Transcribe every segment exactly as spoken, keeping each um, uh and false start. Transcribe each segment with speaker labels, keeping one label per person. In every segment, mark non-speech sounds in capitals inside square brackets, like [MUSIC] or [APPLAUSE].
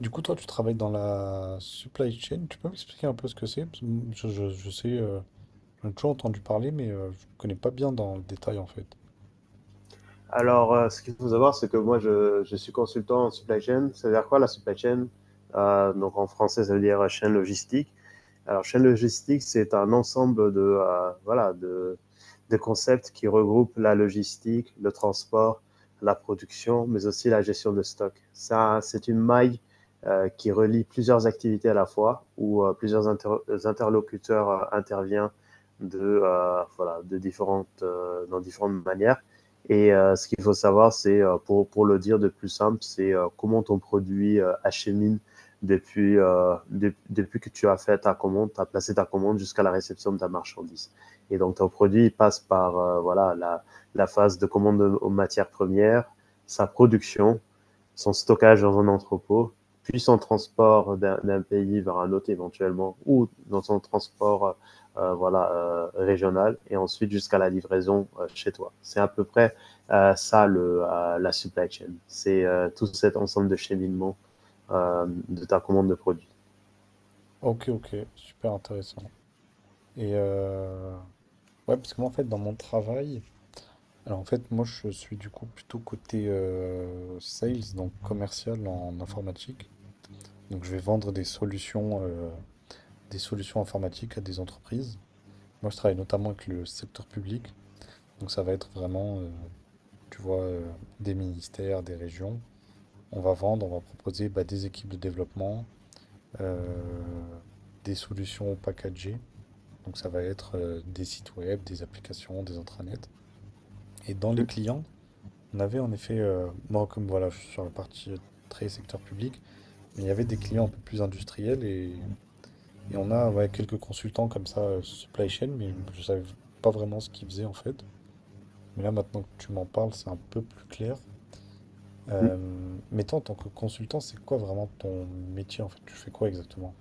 Speaker 1: Du coup, toi, tu travailles dans la supply chain. Tu peux m'expliquer un peu ce que c'est? Parce que Je, je- je sais, euh, j'en ai toujours entendu parler, mais euh, je connais pas bien dans le détail en fait.
Speaker 2: Alors, euh, ce qu'il faut savoir, c'est que moi, je, je suis consultant en supply chain. Ça veut dire quoi la supply chain? Euh, Donc, en français, ça veut dire euh, chaîne logistique. Alors, chaîne logistique, c'est un ensemble de, euh, voilà, de, de, concepts qui regroupent la logistique, le transport, la production, mais aussi la gestion de stock. Ça, c'est une maille euh, qui relie plusieurs activités à la fois, où euh, plusieurs inter- interlocuteurs euh, interviennent de, euh, voilà, de différentes, euh, dans différentes manières et euh, ce qu'il faut savoir, c'est, euh, pour, pour le dire de plus simple, c'est euh, comment ton produit euh, achemine depuis, euh, de- depuis que tu as fait ta commande, tu as placé ta commande jusqu'à la réception de ta marchandise. Et donc, ton produit il passe par euh, voilà, la, la phase de commande aux matières premières, sa production, son stockage dans un entrepôt, puis son transport d'un d'un pays vers un autre éventuellement, ou dans son transport euh, euh, voilà, euh, régional, et ensuite jusqu'à la livraison euh, chez toi. C'est à peu près euh, ça, le, euh, la supply chain. C'est euh, tout cet ensemble de cheminement euh, de ta commande de produit.
Speaker 1: Ok, ok, super intéressant. Et euh, ouais, parce que moi, en fait, dans mon travail, alors en fait, moi, je suis du coup plutôt côté euh, sales, donc commercial en informatique. Donc, je vais vendre des solutions, euh, des solutions informatiques à des entreprises. Moi, je travaille notamment avec le secteur public. Donc ça va être vraiment, euh, tu vois, euh, des ministères, des régions. On va vendre, on va proposer bah, des équipes de développement, euh, des solutions packagées. Donc ça va être euh, des sites web, des applications, des intranets. Et dans les clients, on avait en effet, euh, moi comme voilà, je suis sur la partie euh, très secteur public, mais il y avait des clients un peu plus industriels et, et on a ouais, quelques consultants comme ça, euh, supply chain, mais je ne savais pas vraiment ce qu'ils faisaient en fait. Mais là maintenant que tu m'en parles, c'est un peu plus clair. Euh, mettons, en tant que consultant, c'est quoi vraiment ton métier en fait? Tu fais quoi exactement?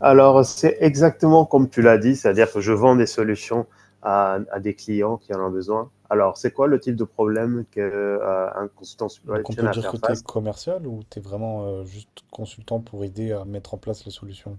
Speaker 2: Alors, c'est exactement comme tu l'as dit, c'est-à-dire que je vends des solutions à, à, des clients qui en ont besoin. Alors, c'est quoi le type de problème qu'un euh, consultant supply
Speaker 1: Donc on
Speaker 2: chain
Speaker 1: peut
Speaker 2: a à
Speaker 1: dire
Speaker 2: faire
Speaker 1: que tu es
Speaker 2: face?
Speaker 1: commercial ou tu es vraiment euh, juste consultant pour aider à mettre en place les solutions?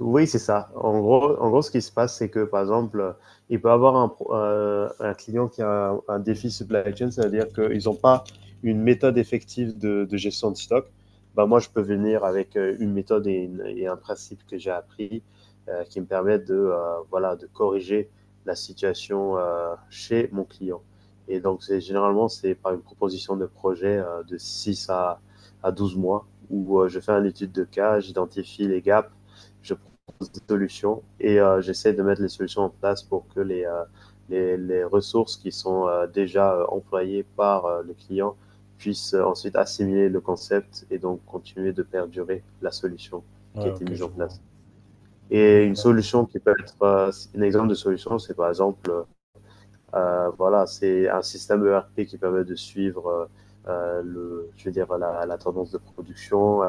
Speaker 2: Oui, c'est ça. En gros, en gros, ce qui se passe, c'est que, par exemple, il peut avoir un, pro- euh, un client qui a un, un défi supply chain, c'est-à-dire qu'ils n'ont pas une méthode effective de, de gestion de stock. Ben, moi, je peux venir avec euh, une méthode et, une- et un principe que j'ai appris euh, qui me permettent de, euh, voilà, de corriger la situation euh, chez mon client. Et donc, c'est, généralement, c'est par une proposition de projet euh, de six à, à douze mois où euh, je fais une étude de cas, j'identifie les gaps, je des solutions et euh, j'essaie de mettre les solutions en place pour que les, euh, les, les ressources qui sont euh, déjà euh, employées par euh, le client puissent euh, ensuite assimiler le concept et donc continuer de perdurer la solution
Speaker 1: Ouais,
Speaker 2: qui a été
Speaker 1: ok,
Speaker 2: mise en
Speaker 1: je vois.
Speaker 2: place. Et
Speaker 1: Et
Speaker 2: une
Speaker 1: euh,
Speaker 2: solution qui peut être, euh, un exemple de solution, c'est par exemple euh, euh, voilà, c'est un système E R P qui permet de suivre euh, euh, le, je veux dire, la, la tendance de production, euh,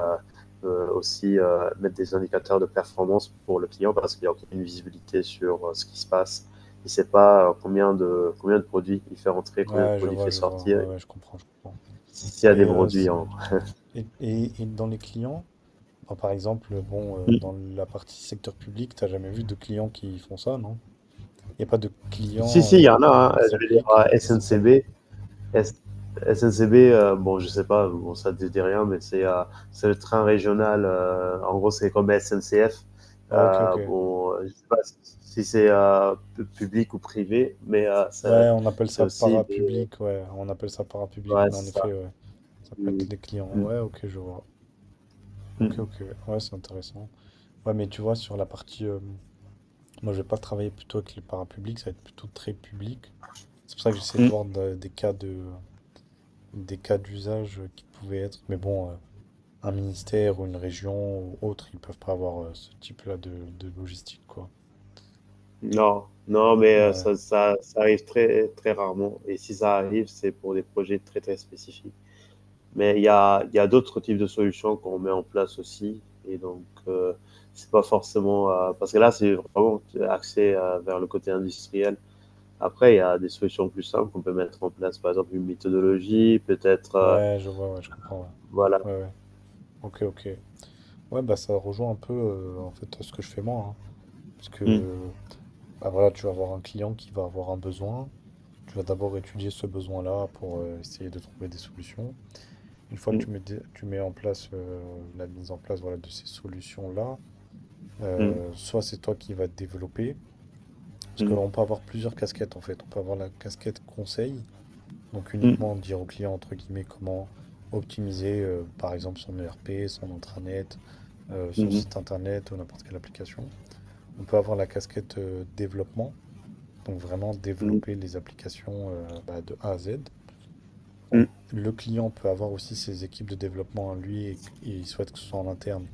Speaker 2: euh, aussi euh, mettre des indicateurs de performance pour le client parce qu'il y a une visibilité sur euh, ce qui se passe. Il ne sait pas euh, combien de, combien de produits il fait rentrer, combien de
Speaker 1: ouais, je
Speaker 2: produits il
Speaker 1: vois,
Speaker 2: fait
Speaker 1: je vois.
Speaker 2: sortir,
Speaker 1: Ouais, ouais, je comprends, je comprends.
Speaker 2: s'il y a des
Speaker 1: Et, euh,
Speaker 2: produits
Speaker 1: s-
Speaker 2: en.
Speaker 1: et, et- et dans les clients, enfin, par exemple, bon, euh, dans la partie secteur public, t'as jamais vu de clients qui font ça, non? Il n'y a pas de
Speaker 2: Si,
Speaker 1: clients
Speaker 2: si, il y
Speaker 1: euh,
Speaker 2: en a.
Speaker 1: qui
Speaker 2: Hein. Je vais dire
Speaker 1: s'appliquent. ça-
Speaker 2: S N C B, S- SNCB, euh, bon, je sais pas, bon, ça te dit rien, mais c'est euh, c'est le train régional. Euh, en gros, c'est comme S N C F.
Speaker 1: Oh, ok, ok.
Speaker 2: Euh, bon, euh, je sais pas si c'est euh, pu- public ou privé, mais euh, ça
Speaker 1: Ouais, on appelle
Speaker 2: c'est
Speaker 1: ça
Speaker 2: aussi des.
Speaker 1: parapublic, ouais. On appelle ça parapublic,
Speaker 2: Ouais,
Speaker 1: mais
Speaker 2: c'est
Speaker 1: en effet,
Speaker 2: ça.
Speaker 1: ouais. Ça peut
Speaker 2: Mm,
Speaker 1: être les clients.
Speaker 2: mm,
Speaker 1: Ouais, ok, je vois. Ok,
Speaker 2: mm,
Speaker 1: ok. Ouais, c'est intéressant. Ouais, mais tu vois, sur la partie, euh, moi, je vais pas travailler plutôt avec le parapublic, ça va être plutôt très public. C'est pour ça que j'essaie de
Speaker 2: mm.
Speaker 1: voir de- des cas de, des cas d'usage euh, qui pouvaient être. Mais bon, euh, un ministère ou une région ou autre, ils peuvent pas avoir euh, ce type-là de, de logistique, quoi.
Speaker 2: Non, non, mais euh,
Speaker 1: Ouais.
Speaker 2: ça, ça, ça arrive très, très rarement. Et si ça arrive, c'est pour des projets très, très spécifiques. Mais il y a, il y a d'autres types de solutions qu'on met en place aussi. Et donc, euh, c'est pas forcément euh, parce que là, c'est vraiment axé euh, vers le côté industriel. Après, il y a des solutions plus simples qu'on peut mettre en place. Par exemple, une méthodologie, peut-être. Euh,
Speaker 1: Ouais, je vois, ouais, je comprends.
Speaker 2: voilà.
Speaker 1: Ouais, ouais, ouais. Ok, ok. Ouais, bah ça rejoint un peu euh, en fait ce que je fais moi, hein. Parce
Speaker 2: Mm,
Speaker 1: que bah voilà, tu vas avoir un client qui va avoir un besoin. Tu vas d'abord étudier ce besoin-là pour euh, essayer de trouver des solutions. Une fois que
Speaker 2: mm,
Speaker 1: tu mets, des- tu mets en place euh, la mise en place voilà, de ces solutions-là,
Speaker 2: mm,
Speaker 1: euh, soit c'est toi qui vas te développer. Parce
Speaker 2: mm,
Speaker 1: qu'on peut avoir plusieurs casquettes en fait. On peut avoir la casquette conseil, donc uniquement dire au client entre guillemets comment optimiser euh, par exemple son E R P, son intranet, euh, son
Speaker 2: mm,
Speaker 1: site internet ou n'importe quelle application. On peut avoir la casquette euh, développement, donc vraiment
Speaker 2: mhm,
Speaker 1: développer les applications euh, bah, de A à Z. On- le client peut avoir aussi ses équipes de développement à lui et qu- il souhaite que ce soit en interne.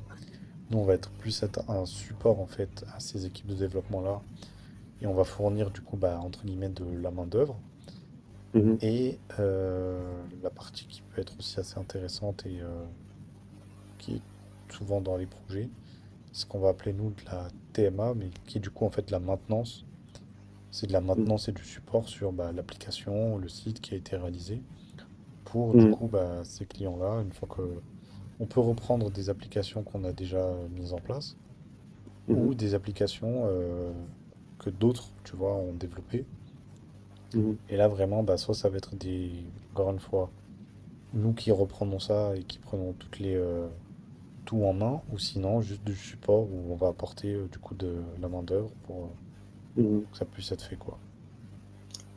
Speaker 1: Nous, on va être plus être un support en fait à ces équipes de développement-là et on va fournir du coup bah, entre guillemets de la main-d'œuvre.
Speaker 2: mm, mm, mhm,
Speaker 1: Et euh, la partie qui peut être aussi assez intéressante et euh, qui est souvent dans les projets, c'est ce qu'on va appeler nous de la T M A, mais qui est du coup en fait de la maintenance. C'est de la maintenance et du support sur bah, l'application, le site qui a été réalisé pour du
Speaker 2: mm,
Speaker 1: coup bah, ces clients-là, une fois que on peut reprendre des applications qu'on a déjà euh, mises en place
Speaker 2: mm,
Speaker 1: ou des applications euh, que d'autres, tu vois, ont développées.
Speaker 2: mhm,
Speaker 1: Et là vraiment, bah, soit ça va être des, encore une fois, nous qui reprenons ça et qui prenons toutes les euh, tout en main, ou sinon juste du support où on va apporter euh, du coup de la main-d'œuvre pour, euh,
Speaker 2: mm, mm.
Speaker 1: pour que ça puisse être fait quoi.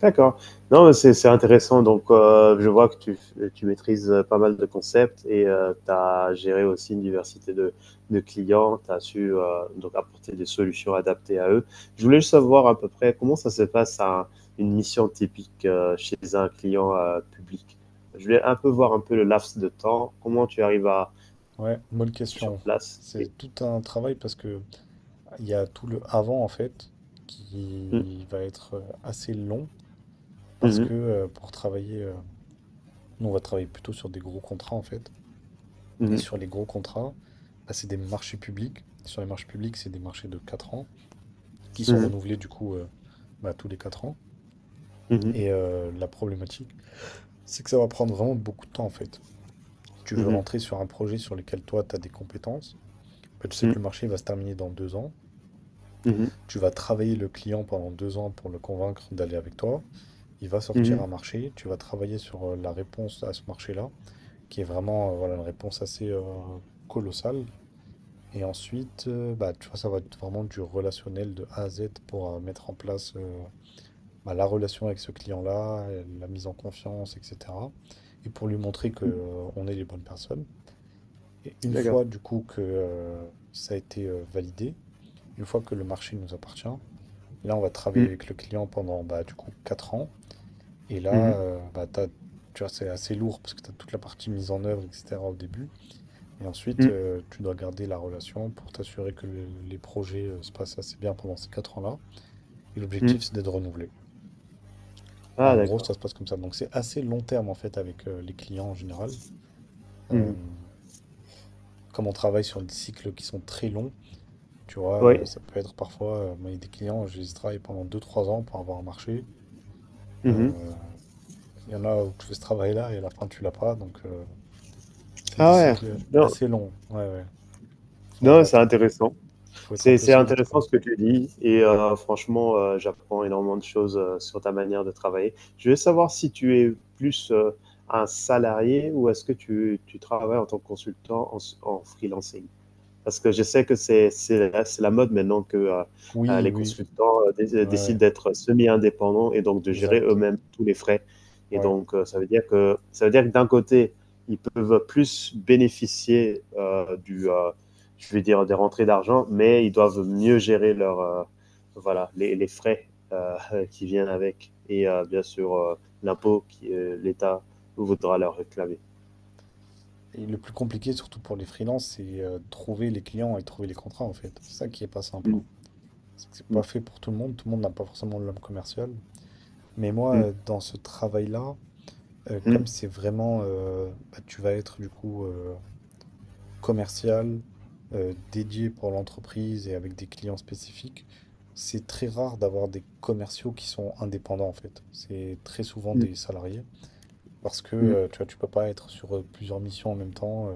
Speaker 2: D'accord. Non, mais c'est c'est intéressant. Donc, euh, je vois que tu, f- tu maîtrises euh, pas mal de concepts et tu as géré aussi une diversité de, de clients. Tu as su euh, donc apporter des solutions adaptées à eux. Je voulais juste savoir à peu près comment ça se passe à une mission typique euh, chez un client euh, public. Je voulais un peu voir un peu le laps de temps, comment tu arrives à
Speaker 1: Ouais, bonne
Speaker 2: sur
Speaker 1: question.
Speaker 2: place. Et...
Speaker 1: C'est tout un travail parce que il y a tout le avant en fait
Speaker 2: Mhm,
Speaker 1: qui va être euh, assez long parce
Speaker 2: mhm,
Speaker 1: que euh, pour travailler, euh, nous on va travailler plutôt sur des gros contrats en fait. Et
Speaker 2: mhm,
Speaker 1: sur les gros contrats, bah, c'est des marchés publics. Sur les marchés publics, c'est des marchés de quatre ans qui sont
Speaker 2: mhm,
Speaker 1: renouvelés du coup euh, bah, tous les quatre ans. Et euh, la problématique, c'est que ça va prendre vraiment beaucoup de temps en fait. Si tu veux
Speaker 2: mhm,
Speaker 1: rentrer sur un projet sur lequel toi tu as des compétences, bah, tu sais que
Speaker 2: mhm,
Speaker 1: le marché va se terminer dans deux ans.
Speaker 2: mhm,
Speaker 1: Tu vas travailler le client pendant deux ans pour le convaincre d'aller avec toi. Il va sortir
Speaker 2: mhm,
Speaker 1: un marché. Tu vas travailler sur euh, la réponse à ce marché-là, qui est vraiment euh, voilà, une réponse assez euh, colossale. Et ensuite, euh, bah, tu vois, ça va être vraiment du relationnel de A à Z pour euh, mettre en place euh, bah, la relation avec ce client-là, euh, la mise en confiance, et cetera. Et pour lui montrer que,
Speaker 2: mhm.
Speaker 1: euh, on est les bonnes personnes. Et une
Speaker 2: D'accord.
Speaker 1: fois, du coup, que euh, ça a été euh, validé, une fois que le marché nous appartient, là, on va travailler
Speaker 2: Mhm,
Speaker 1: avec le client pendant, bah, du coup, quatre ans. Et là,
Speaker 2: mhm,
Speaker 1: euh, bah, t'as- tu vois, c'est assez lourd parce que tu as toute la partie mise en œuvre, et cetera au début. Et ensuite,
Speaker 2: mhm.
Speaker 1: euh, tu dois garder la relation pour t'assurer que le- les projets euh, se passent assez bien pendant ces quatre ans-là. Et
Speaker 2: Mhm.
Speaker 1: l'objectif, c'est d'être renouvelé. En
Speaker 2: Ah,
Speaker 1: gros,
Speaker 2: d'accord.
Speaker 1: ça se passe comme ça. Donc, c'est assez long terme, en fait, avec euh, les clients en général. Euh,
Speaker 2: Mhm.
Speaker 1: Comme on travaille sur des cycles qui sont très longs, tu vois, euh,
Speaker 2: Oui.
Speaker 1: ça peut être parfois, euh, moi, il y a des clients, je les travaille pendant deux, trois ans pour avoir un marché.
Speaker 2: Mhm.
Speaker 1: Euh, Il y en a où tu fais ce travail-là et à la fin tu l'as pas, donc euh, c'est des
Speaker 2: Ah ouais.
Speaker 1: cycles
Speaker 2: Non,
Speaker 1: assez longs. Ouais, ouais. Faut
Speaker 2: non,
Speaker 1: avoir-
Speaker 2: c'est intéressant.
Speaker 1: Faut être un
Speaker 2: C'est
Speaker 1: peu
Speaker 2: c'est
Speaker 1: solide,
Speaker 2: intéressant
Speaker 1: quoi.
Speaker 2: ce que tu dis et heu, franchement, heu, j'apprends énormément de choses, heu, sur ta manière de travailler. Je veux savoir si tu es plus, heu, un salarié ou est-ce que tu tu travailles en tant que consultant en s en freelancing? Parce que je sais que c'est c'est la c'est la mode maintenant que, heu heu,
Speaker 1: Oui,
Speaker 2: les
Speaker 1: oui,
Speaker 2: consultants, heu, dé euh,
Speaker 1: ouais,
Speaker 2: décident
Speaker 1: ouais,
Speaker 2: d'être semi-indépendants et donc de gérer
Speaker 1: exact.
Speaker 2: eux-mêmes tous les frais et
Speaker 1: Ouais.
Speaker 2: donc heu, ça veut dire que ça veut dire que d'un côté, ils peuvent plus bénéficier, heu, du, heu, je vais dire des rentrées d'argent, mais ils doivent mieux gérer leurs, heu, voilà, les les frais, heu, [LAUGHS] qui viennent avec et heu, bien sûr, heu, l'impôt que l'État voudra leur réclamer.
Speaker 1: Et le plus compliqué, surtout pour les freelances, c'est euh, trouver les clients et trouver les contrats, en fait. C'est ça qui est pas simple, hein.
Speaker 2: Mmh,
Speaker 1: C'est que c'est
Speaker 2: mmh,
Speaker 1: pas fait pour tout le monde. Tout le monde n'a pas forcément l'homme commercial. Mais moi,
Speaker 2: mmh,
Speaker 1: euh, dans ce travail-là, euh,
Speaker 2: mmh,
Speaker 1: comme c'est vraiment, euh, bah, tu vas être du coup euh, commercial euh, dédié pour l'entreprise et avec des clients spécifiques, c'est très rare d'avoir des commerciaux qui sont indépendants en fait. C'est très souvent
Speaker 2: mmh,
Speaker 1: des salariés parce que
Speaker 2: mmh,
Speaker 1: euh, tu vois, tu peux pas être sur euh, plusieurs missions en même temps, euh,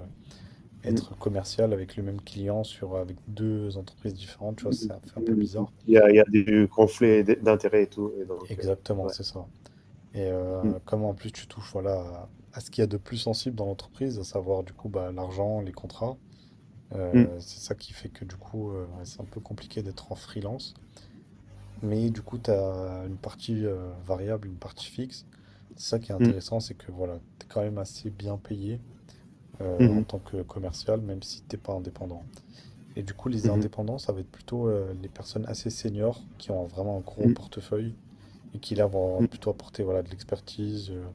Speaker 2: mmh.
Speaker 1: être commercial avec le même client sur avec deux entreprises différentes, tu vois, ça fait un peu bizarre.
Speaker 2: Il y a, il y a du conflit d'intérêts et tout. Et donc, euh,
Speaker 1: Exactement,
Speaker 2: ouais.
Speaker 1: c'est ça. Et euh, comme en plus tu touches voilà à, à ce qu'il y a de plus sensible dans l'entreprise, à savoir du coup bah, l'argent, les contrats.
Speaker 2: Mm,
Speaker 1: Euh, c'est ça qui fait que du coup, euh, ouais, c'est un peu compliqué d'être en freelance. Mais du coup, tu as une partie euh, variable, une partie fixe. C'est ça qui est
Speaker 2: mm,
Speaker 1: intéressant, c'est que voilà, tu es quand même assez bien payé euh, en
Speaker 2: mm,
Speaker 1: tant que commercial, même si t'es pas indépendant. Et du coup, les
Speaker 2: mhm,
Speaker 1: indépendants, ça va être plutôt euh, les personnes assez seniors qui ont vraiment un gros
Speaker 2: mhm,
Speaker 1: portefeuille et qui là vont
Speaker 2: mhm.
Speaker 1: plutôt apporter voilà, de l'expertise, euh,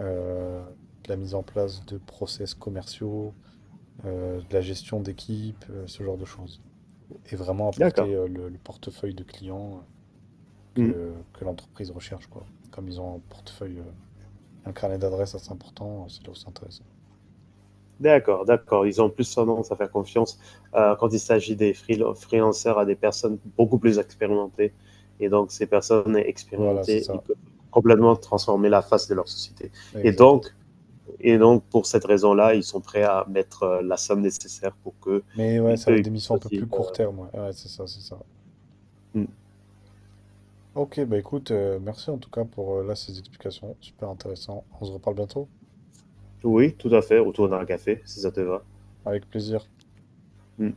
Speaker 1: euh, de la mise en place de process commerciaux, euh, de la gestion d'équipe, euh, ce genre de choses. Et vraiment
Speaker 2: D'accord.
Speaker 1: apporter euh, le, le portefeuille de clients
Speaker 2: Mm.
Speaker 1: que, que l'entreprise recherche, quoi. Comme ils ont un portefeuille, euh, un carnet d'adresses assez important, euh, c'est là où c'est intéressant.
Speaker 2: D'accord, d'accord. Ils ont plus tendance à faire confiance euh, quand il s'agit des freel- freelancers à des personnes beaucoup plus expérimentées. Et donc, ces personnes
Speaker 1: Voilà, c'est
Speaker 2: expérimentées, ils
Speaker 1: ça,
Speaker 2: peuvent complètement transformer la face de leur société. Et
Speaker 1: exact.
Speaker 2: donc, et donc pour cette raison-là, ils sont prêts à mettre euh, la somme nécessaire pour que
Speaker 1: Mais ouais,
Speaker 2: eux,
Speaker 1: ça va être
Speaker 2: ils
Speaker 1: des missions
Speaker 2: puissent
Speaker 1: un peu plus
Speaker 2: aussi.
Speaker 1: court terme, ouais, ouais, c'est ça, c'est ça.
Speaker 2: Euh, mm.
Speaker 1: Ok, bah écoute, euh, merci en tout cas pour euh, là ces explications, super intéressant. On se reparle bientôt,
Speaker 2: Oui, tout à fait, autour d'un café, si ça te va.
Speaker 1: avec plaisir.
Speaker 2: Mm.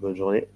Speaker 2: Bonne journée.